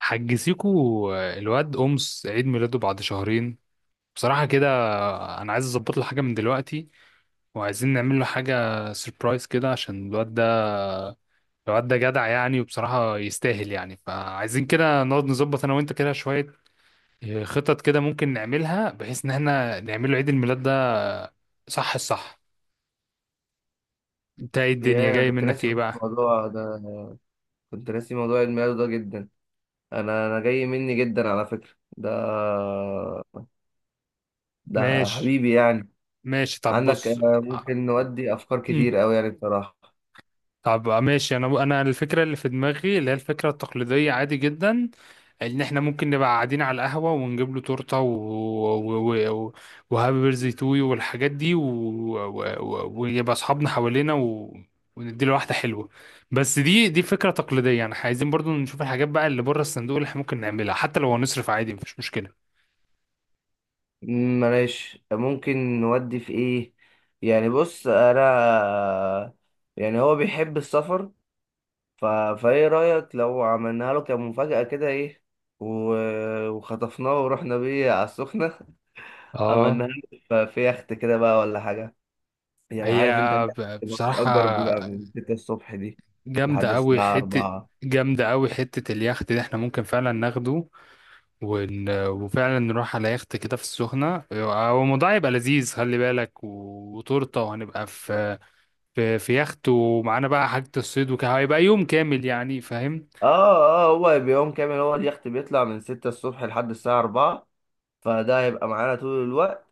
حجزيكوا الواد أمس عيد ميلاده بعد شهرين، بصراحة كده. أنا عايز أظبط له حاجة من دلوقتي وعايزين نعمل له حاجة سيربرايز كده عشان الواد ده. جدع يعني وبصراحة يستاهل يعني، فعايزين كده نقعد نظبط أنا وأنت كده شوية. خطط كده ممكن نعملها بحيث إن احنا نعمل له عيد الميلاد ده. صح. أنت إيه الدنيا؟ يا انا جاي كنت منك ناسي إيه خالص بقى؟ الموضوع ده. كنت ناسي موضوع عيد ميلاده ده جدا. انا جاي مني جدا على فكرة. ده ده ماشي. حبيبي يعني. طب عندك، بص. ممكن نودي افكار كتير قوي يعني بصراحة. طب ماشي، انا الفكره اللي في دماغي اللي هي الفكره التقليديه عادي جدا. ان احنا ممكن نبقى قاعدين على القهوه ونجيب له تورته، وهابي بيرثدي تو يو والحاجات دي، ويبقى اصحابنا حوالينا ونديله واحده حلوه. بس دي فكره تقليديه، يعني إحنا عايزين برضو نشوف الحاجات بقى اللي بره الصندوق اللي احنا ممكن نعملها، حتى لو هنصرف عادي مفيش مشكله. معلش، ممكن نودي في ايه؟ يعني بص انا، يعني هو بيحب السفر، ف... فايه رأيك لو عملناها له كمفاجأة كده ايه، و... وخطفناه ورحنا بيه على السخنة؟ اه. عملناها له في يخت كده بقى ولا حاجة. يعني هي، عارف انت اللي بتأجر، بيبقى بصراحة من 6 الصبح دي لحد جامدة أوي الساعة حتة. 4. جامدة أوي حتة اليخت ده، احنا ممكن فعلا ناخده وفعلا نروح على يخت كده في السخنة. هو الموضوع يبقى لذيذ، خلي بالك، وتورتة، وهنبقى في في يخت، ومعانا بقى حاجة الصيد وكده، هيبقى يوم كامل يعني، فاهم؟ اه اه، هو بيوم كامل، هو اليخت بيطلع من 6 الصبح لحد الساعة 4، فده هيبقى معانا طول الوقت.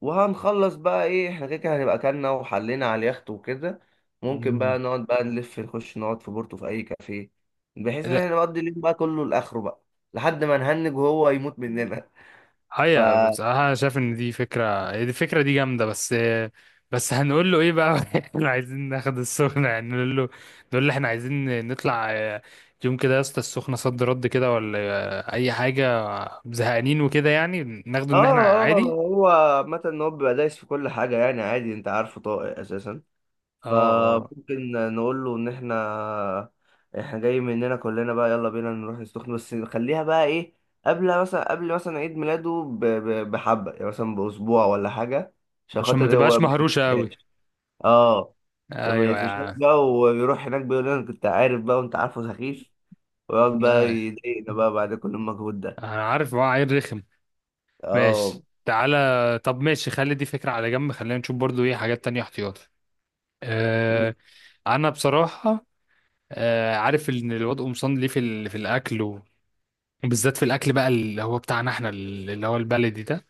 وهنخلص بقى ايه، احنا كده كده هنبقى اكلنا وحلينا على اليخت وكده. ممكن مم. بقى نقعد بقى نلف نخش نقعد في بورتو في اي كافيه، بحيث ان لا، احنا نقضي اليوم بقى كله لاخره بقى، لحد ما نهنج وهو يموت مننا. ف هيا اه بصراحة أنا شايف إن دي فكرة، هي دي الفكرة دي جامدة. بس هنقول له إيه بقى؟ إحنا عايزين ناخد السخنة، يعني نقول له، نقول له إحنا عايزين نطلع يوم كده يا اسطى السخنة، صد رد كده ولا أي حاجة، زهقانين وكده، يعني ناخده إن إحنا اه، عادي. هو عامة ان هو بيبقى دايس في كل حاجة يعني، عادي، انت عارفه طاقة اساسا. اه اه. فممكن نقول له ان احنا جاي مننا كلنا بقى، يلا بينا نروح السخنة، بس نخليها بقى ايه، قبل مثلا عيد ميلاده بحبة، يعني مثلا بأسبوع ولا حاجة، عشان عشان ما خاطر هو تبقاش ما مهروشة قوي. يفشاش. اه، عشان ما ايوه يا يفشاش عم. بقى ويروح هناك بيقول لنا أنا كنت عارف بقى، وانت عارفه سخيف، ويقعد بقى آه. يضايقنا بقى بعد كل المجهود ده. انا عارف هو عيل رخم. اه، ماشي، تعالى. طب ماشي، خلي دي فكرة على جنب، خلينا نشوف برضو ايه حاجات تانية احتياطي. آه، انا بصراحة آه، عارف ان الواد قمصان ليه في في الاكل، وبالذات في الاكل بقى، اللي هو بتاعنا احنا، اللي هو البلدي ده.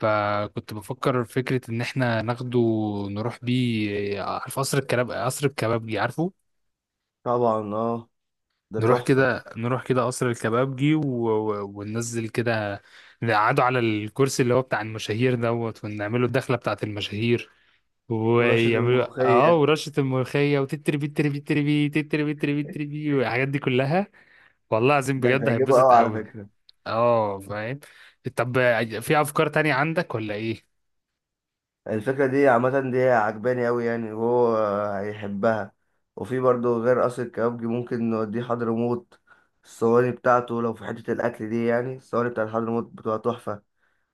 فكنت بفكر فكرة ان احنا ناخده نروح بيه، عارف قصر الكباب، قصر الكبابجي، عارفه؟ طبعا. اه، ده تحفة. نروح كده قصر الكبابجي وننزل كده، نقعدوا على الكرسي اللي هو بتاع المشاهير دوت، ونعمله الدخلة بتاعت المشاهير، ورشة ويعملوا اه الملوخية؟ ورشة الملوخية، وتتري بي تتري بي تتري بي تتري بي تتري بي تتري بي والحاجات دي كلها. والله العظيم ده بجد هتعجبه هيتبسط قوي على قوي. فكرة. اه، فاهم. طب في افكار تانية عندك ولا ايه؟ الفكرة دي عامة دي عجباني أوي يعني، وهو هيحبها. وفي برضه غير قصر الكبابجي ممكن نوديه حضرموت، الصواني بتاعته لو في حتة الأكل دي يعني، الصواني بتاعت حضرموت بتبقى تحفة.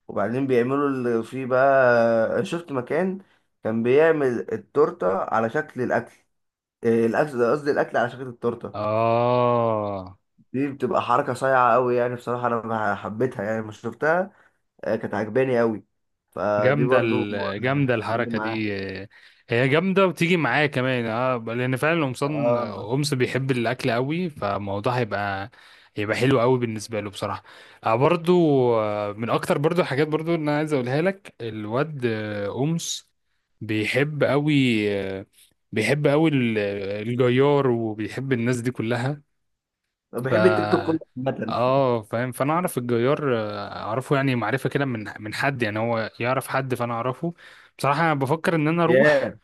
وبعدين بيعملوا اللي فيه بقى، شفت مكان كان بيعمل التورتة على شكل الأكل؟ إيه، الأكل، قصدي الأكل على شكل التورتة. اه، دي بتبقى حركة صايعة أوي يعني، بصراحة أنا حبيتها يعني لما شفتها. كانت عجباني أوي، فدي برضه. جامدة تيجي الحركة معاه. دي. آه، هي جامدة وتيجي معايا كمان، اه، لأن فعلا قمصان اه، قمص بيحب الأكل قوي، فالموضوع هيبقى، هيبقى حلو قوي بالنسبة له بصراحة. آه برضو. آه، من أكتر برضو الحاجات برضو اللي أنا عايز أقولها لك، الواد آه، قمص بيحب قوي، آه، بيحب قوي الجيار، وبيحب الناس دي كلها. أنا بحب التيك توك كله ف عامة. اه، فاهم. فانا اعرف الجيار، آه، اعرفه يعني معرفه كده من حد، يعني هو يعرف حد فانا اعرفه. بصراحه انا بفكر ان انا اروح، ياه.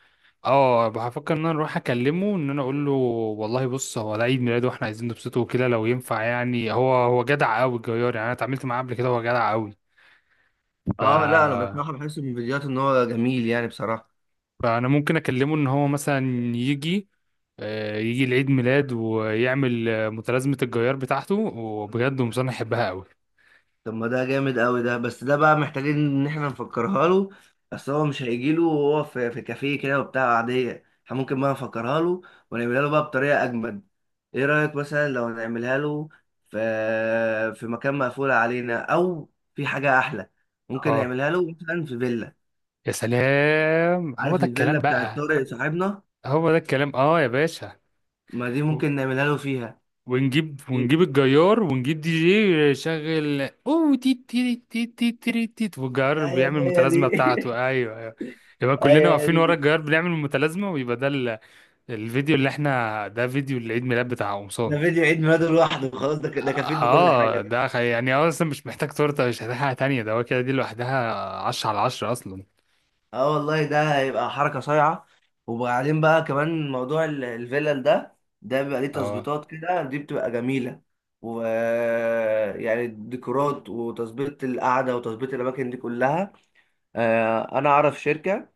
اه بفكر ان انا اروح اكلمه، ان انا اقول له والله بص هو ده عيد ميلاده واحنا عايزين نبسطه وكده لو ينفع، يعني هو جدع قوي الجيار، يعني انا اتعاملت معاه قبل كده، هو جدع قوي. ف اه لا، انا بصراحه بحس من الفيديوهات ان هو جميل يعني بصراحه. فانا ممكن اكلمه ان هو مثلا يجي، يجي لعيد ميلاد ويعمل آه، متلازمه الجيار بتاعته، وبجد ومصنع يحبها طب ما ده جامد قوي ده، بس ده بقى محتاجين ان احنا نفكرها له. اصل هو مش هيجي له وهو في كافيه كده وبتاع عادية، احنا ممكن بقى نفكرها له ونعملها له بقى بطريقة اجمد. ايه رأيك مثلا لو نعملها له في في مكان مقفول علينا او في حاجة احلى؟ ممكن قوي. نعملها له مثلا في فيلا. يا سلام، هو عارف ده الكلام الفيلا بتاعت بقى. طارق صاحبنا؟ هو ده الكلام، اه يا باشا. ما دي و- ممكن نعملها له فيها. ونجيب، ونجيب الجيار، ونجيب دي جي يشغل اوه تي تي تي تي تي تي تي، والجيار ايوه، بيعمل هي دي. المتلازمه بتاعته. ايوه ايوه. يبقى كلنا ايوه، واقفين هي ورا دي. الجيار بنعمل المتلازمه، ويبقى ده الفيديو اللي احنا، ده فيديو العيد ميلاد بتاع قمصان. ده فيديو عيد ميلاده لوحده خلاص، ده ده كفيل بكل حاجه اه، ده. يعني هو اصلا مش محتاج تورته، مش محتاج حاجه تانيه، ده هو كده دي لوحدها 10 على 10 اصلا. اه والله ده هيبقى حركه صايعه. وبعدين بقى كمان موضوع الفلل ده، ده بيبقى ليه اه تظبيطات كده، دي بتبقى جميله. و يعني الديكورات وتظبيط القعده وتظبيط الاماكن دي كلها. انا اعرف شركه،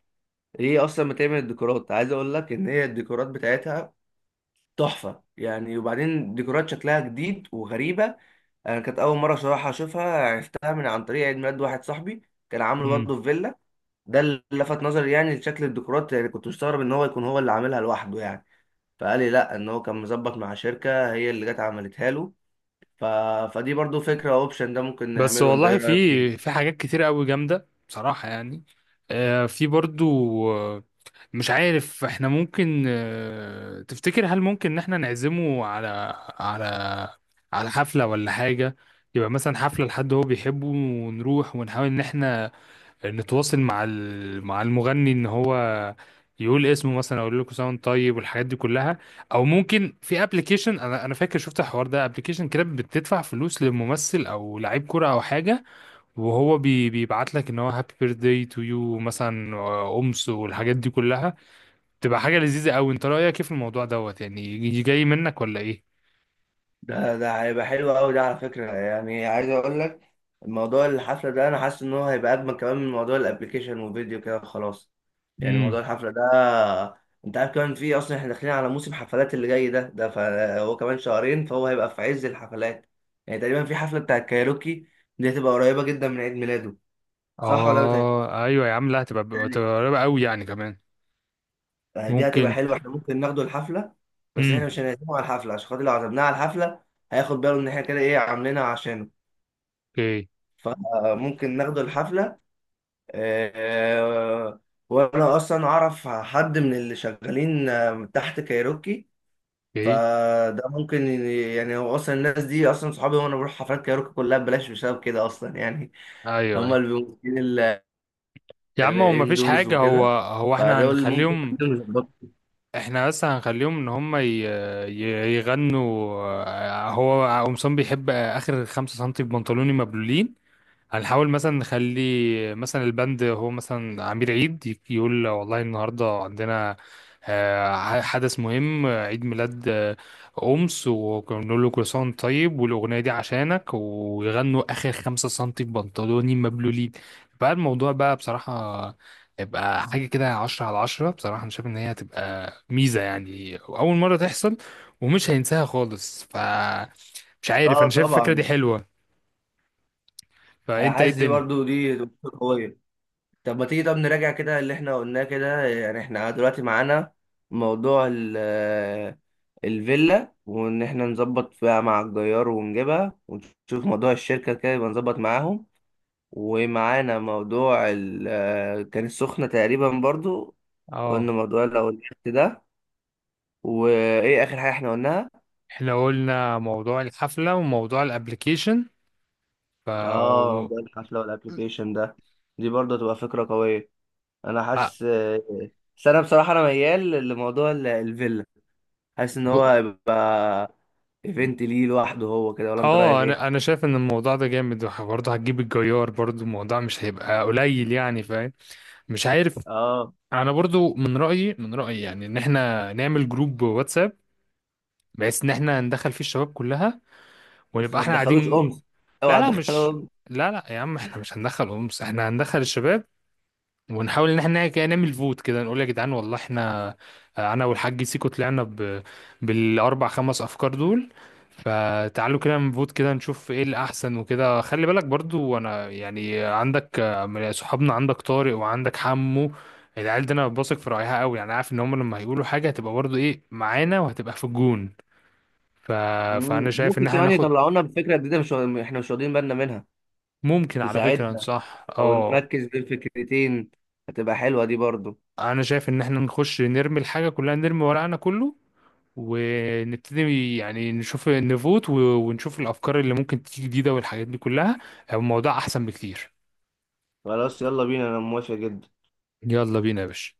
هي اصلا بتعمل الديكورات، عايز اقول لك ان هي الديكورات بتاعتها تحفة يعني، وبعدين ديكورات شكلها جديد وغريبة. أنا كانت أول مرة صراحة أشوفها، عرفتها من عن طريق عيد ميلاد واحد صاحبي كان عامله برضه في فيلا. ده اللي لفت نظري يعني لشكل الديكورات، يعني كنت مستغرب إن هو يكون هو اللي عاملها لوحده يعني. فقال لي لأ، إن هو كان مظبط مع شركة هي اللي جت عملتها له. ف... فدي برضه فكرة، أوبشن ده ممكن بس نعمله. أنت إيه والله في، رأيك فيه؟ في حاجات كتير قوي جامدة بصراحة، يعني آه، في برضو آه، مش عارف احنا ممكن، آه، تفتكر هل ممكن ان احنا نعزمه على، على، على حفلة ولا حاجة؟ يبقى مثلا حفلة لحد هو بيحبه، ونروح ونحاول ان احنا نتواصل مع مع المغني ان هو يقول اسمه مثلا، اقول لكم ساوند طيب والحاجات دي كلها. او ممكن في ابلكيشن، انا فاكر شفت الحوار ده، ابلكيشن كده بتدفع فلوس لممثل او لعيب كوره او حاجه، وهو بيبعت لك ان هو هابي بيرثداي تو يو، مثلا آه، امس والحاجات دي كلها. تبقى حاجه لذيذه قوي، انت رايك ايه في الموضوع دوت؟ يعني جاي منك ولا ايه؟ ده هيبقى حلو قوي ده على فكرة، يعني عايز اقول لك، الموضوع الحفلة ده انا حاسس ان هو هيبقى اجمل كمان من موضوع الابليكيشن وفيديو كده خلاص. يعني موضوع امم. الحفلة ده، انت عارف كمان في اصلا احنا داخلين على موسم حفلات اللي جاي ده فهو كمان شهرين، فهو هيبقى في عز الحفلات. يعني تقريبا في حفلة بتاع الكايروكي، دي هتبقى قريبة جدا من عيد ميلاده. صح ولا اه ايوه يا عم، لا هتبقى، بتهيألي؟ هتبقى قريبه قوي يعني كمان. دي هتبقى ممكن. حلوة، احنا ممكن ناخده الحفلة، بس امم. احنا مش هنعزمه على الحفلة، عشان خاطر لو عزمناه على الحفلة هياخد باله ان احنا كده ايه عاملينها عشانه. اوكي. فممكن ناخده الحفلة، آه، وأنا أصلا أعرف حد من اللي شغالين تحت كايروكي. اوكي. فده ممكن يعني، هو أصلا الناس دي أصلا صحابي، وأنا بروح حفلات كايروكي كلها ببلاش بسبب كده أصلا يعني. هما ايوه اللي بيمثلين يا عم، هو مفيش الاندورز حاجة، هو وكده، هو احنا فدول ممكن هنخليهم، يكونوا يظبطوا. احنا بس هنخليهم ان هم يغنوا، آه، هو قمصان بيحب اخر خمسة سنتي بنطلوني مبلولين. هنحاول مثلا نخلي مثلا البند هو مثلا عمير عيد يقول والله النهارده عندنا آه، حدث مهم آه، عيد ميلاد آه، أمس، ونقول له كل سنة وأنت طيب، والأغنية دي عشانك، ويغنوا آخر خمسة سنتي في بنطلوني مبلولين. بقى الموضوع بقى بصراحة، يبقى حاجة كده عشرة على عشرة، بصراحة أنا شايف إن هي هتبقى ميزة يعني، أول مرة تحصل ومش هينساها خالص. ف مش عارف، اه أنا شايف الفكرة دي طبعا. حلوة. انا فأنت إيه حاسس دي الدنيا؟ برضو دي تبقى قويه. طب ما تيجي، طب نراجع كده اللي احنا قلناه كده، يعني احنا دلوقتي معانا موضوع الفيلا، وان احنا نظبط فيها مع الجيار ونجيبها، ونشوف موضوع الشركة كده يبقى نظبط معاهم، ومعانا موضوع ال آه، كان السخنة تقريبا برضو، قلنا اه، موضوع لو الحفت ده، وايه اخر حاجة احنا قلناها؟ احنا قلنا موضوع الحفلة وموضوع الابليكيشن. ف اه، اه موضوع الحفلة والابليكيشن ده، دي برضو هتبقى فكرة قوية. انا حاسس، بس انا بصراحة انا ميال لموضوع الفيلا، حاسس ان هو ب- هيبقى ايفنت ليه لوحده هو كده، ولا انت رأيك آه، ايه؟ انا شايف ان الموضوع ده جامد، برضه هتجيب الجيار، برضه الموضوع مش هيبقى قليل يعني، فاهم؟ مش عارف. اه. انا برضه من رأيي، من رأيي يعني، ان احنا نعمل جروب واتساب بحيث ان احنا ندخل فيه الشباب كلها، بس ونبقى ما احنا تدخلوش قاعدين. أمس، لا اوعى لا مش تدخلهم. لا لا يا عم، احنا مش هندخل امس، احنا هندخل الشباب، ونحاول ان احنا كده نعمل فوت كده، نقول يا جدعان، والله احنا، انا والحاج سيكو طلعنا بالاربع خمس افكار دول، فتعالوا كده نفوت كده نشوف ايه الاحسن وكده. خلي بالك برضو، انا يعني عندك من صحابنا، عندك طارق وعندك حمو، العيال دي انا بثق في رايها قوي، يعني عارف ان هم لما هيقولوا حاجه هتبقى برضو ايه، معانا وهتبقى في الجون. ف... فانا مم. شايف ان ممكن احنا كمان ناخد، يطلعونا بفكرة جديدة مش احنا مش واخدين بالنا منها، ممكن على فكره، تساعدنا، صح او اه. نركز بين فكرتين، هتبقى حلوة دي برضو. انا شايف ان احنا نخش نرمي الحاجه كلها، نرمي ورقنا كله، ونبتدي يعني نشوف نفوت ونشوف الافكار اللي ممكن تيجي جديده والحاجات دي كلها. الموضوع احسن بكتير. خلاص، يلا بينا، انا موافق جدا. يلا بينا يا باشا.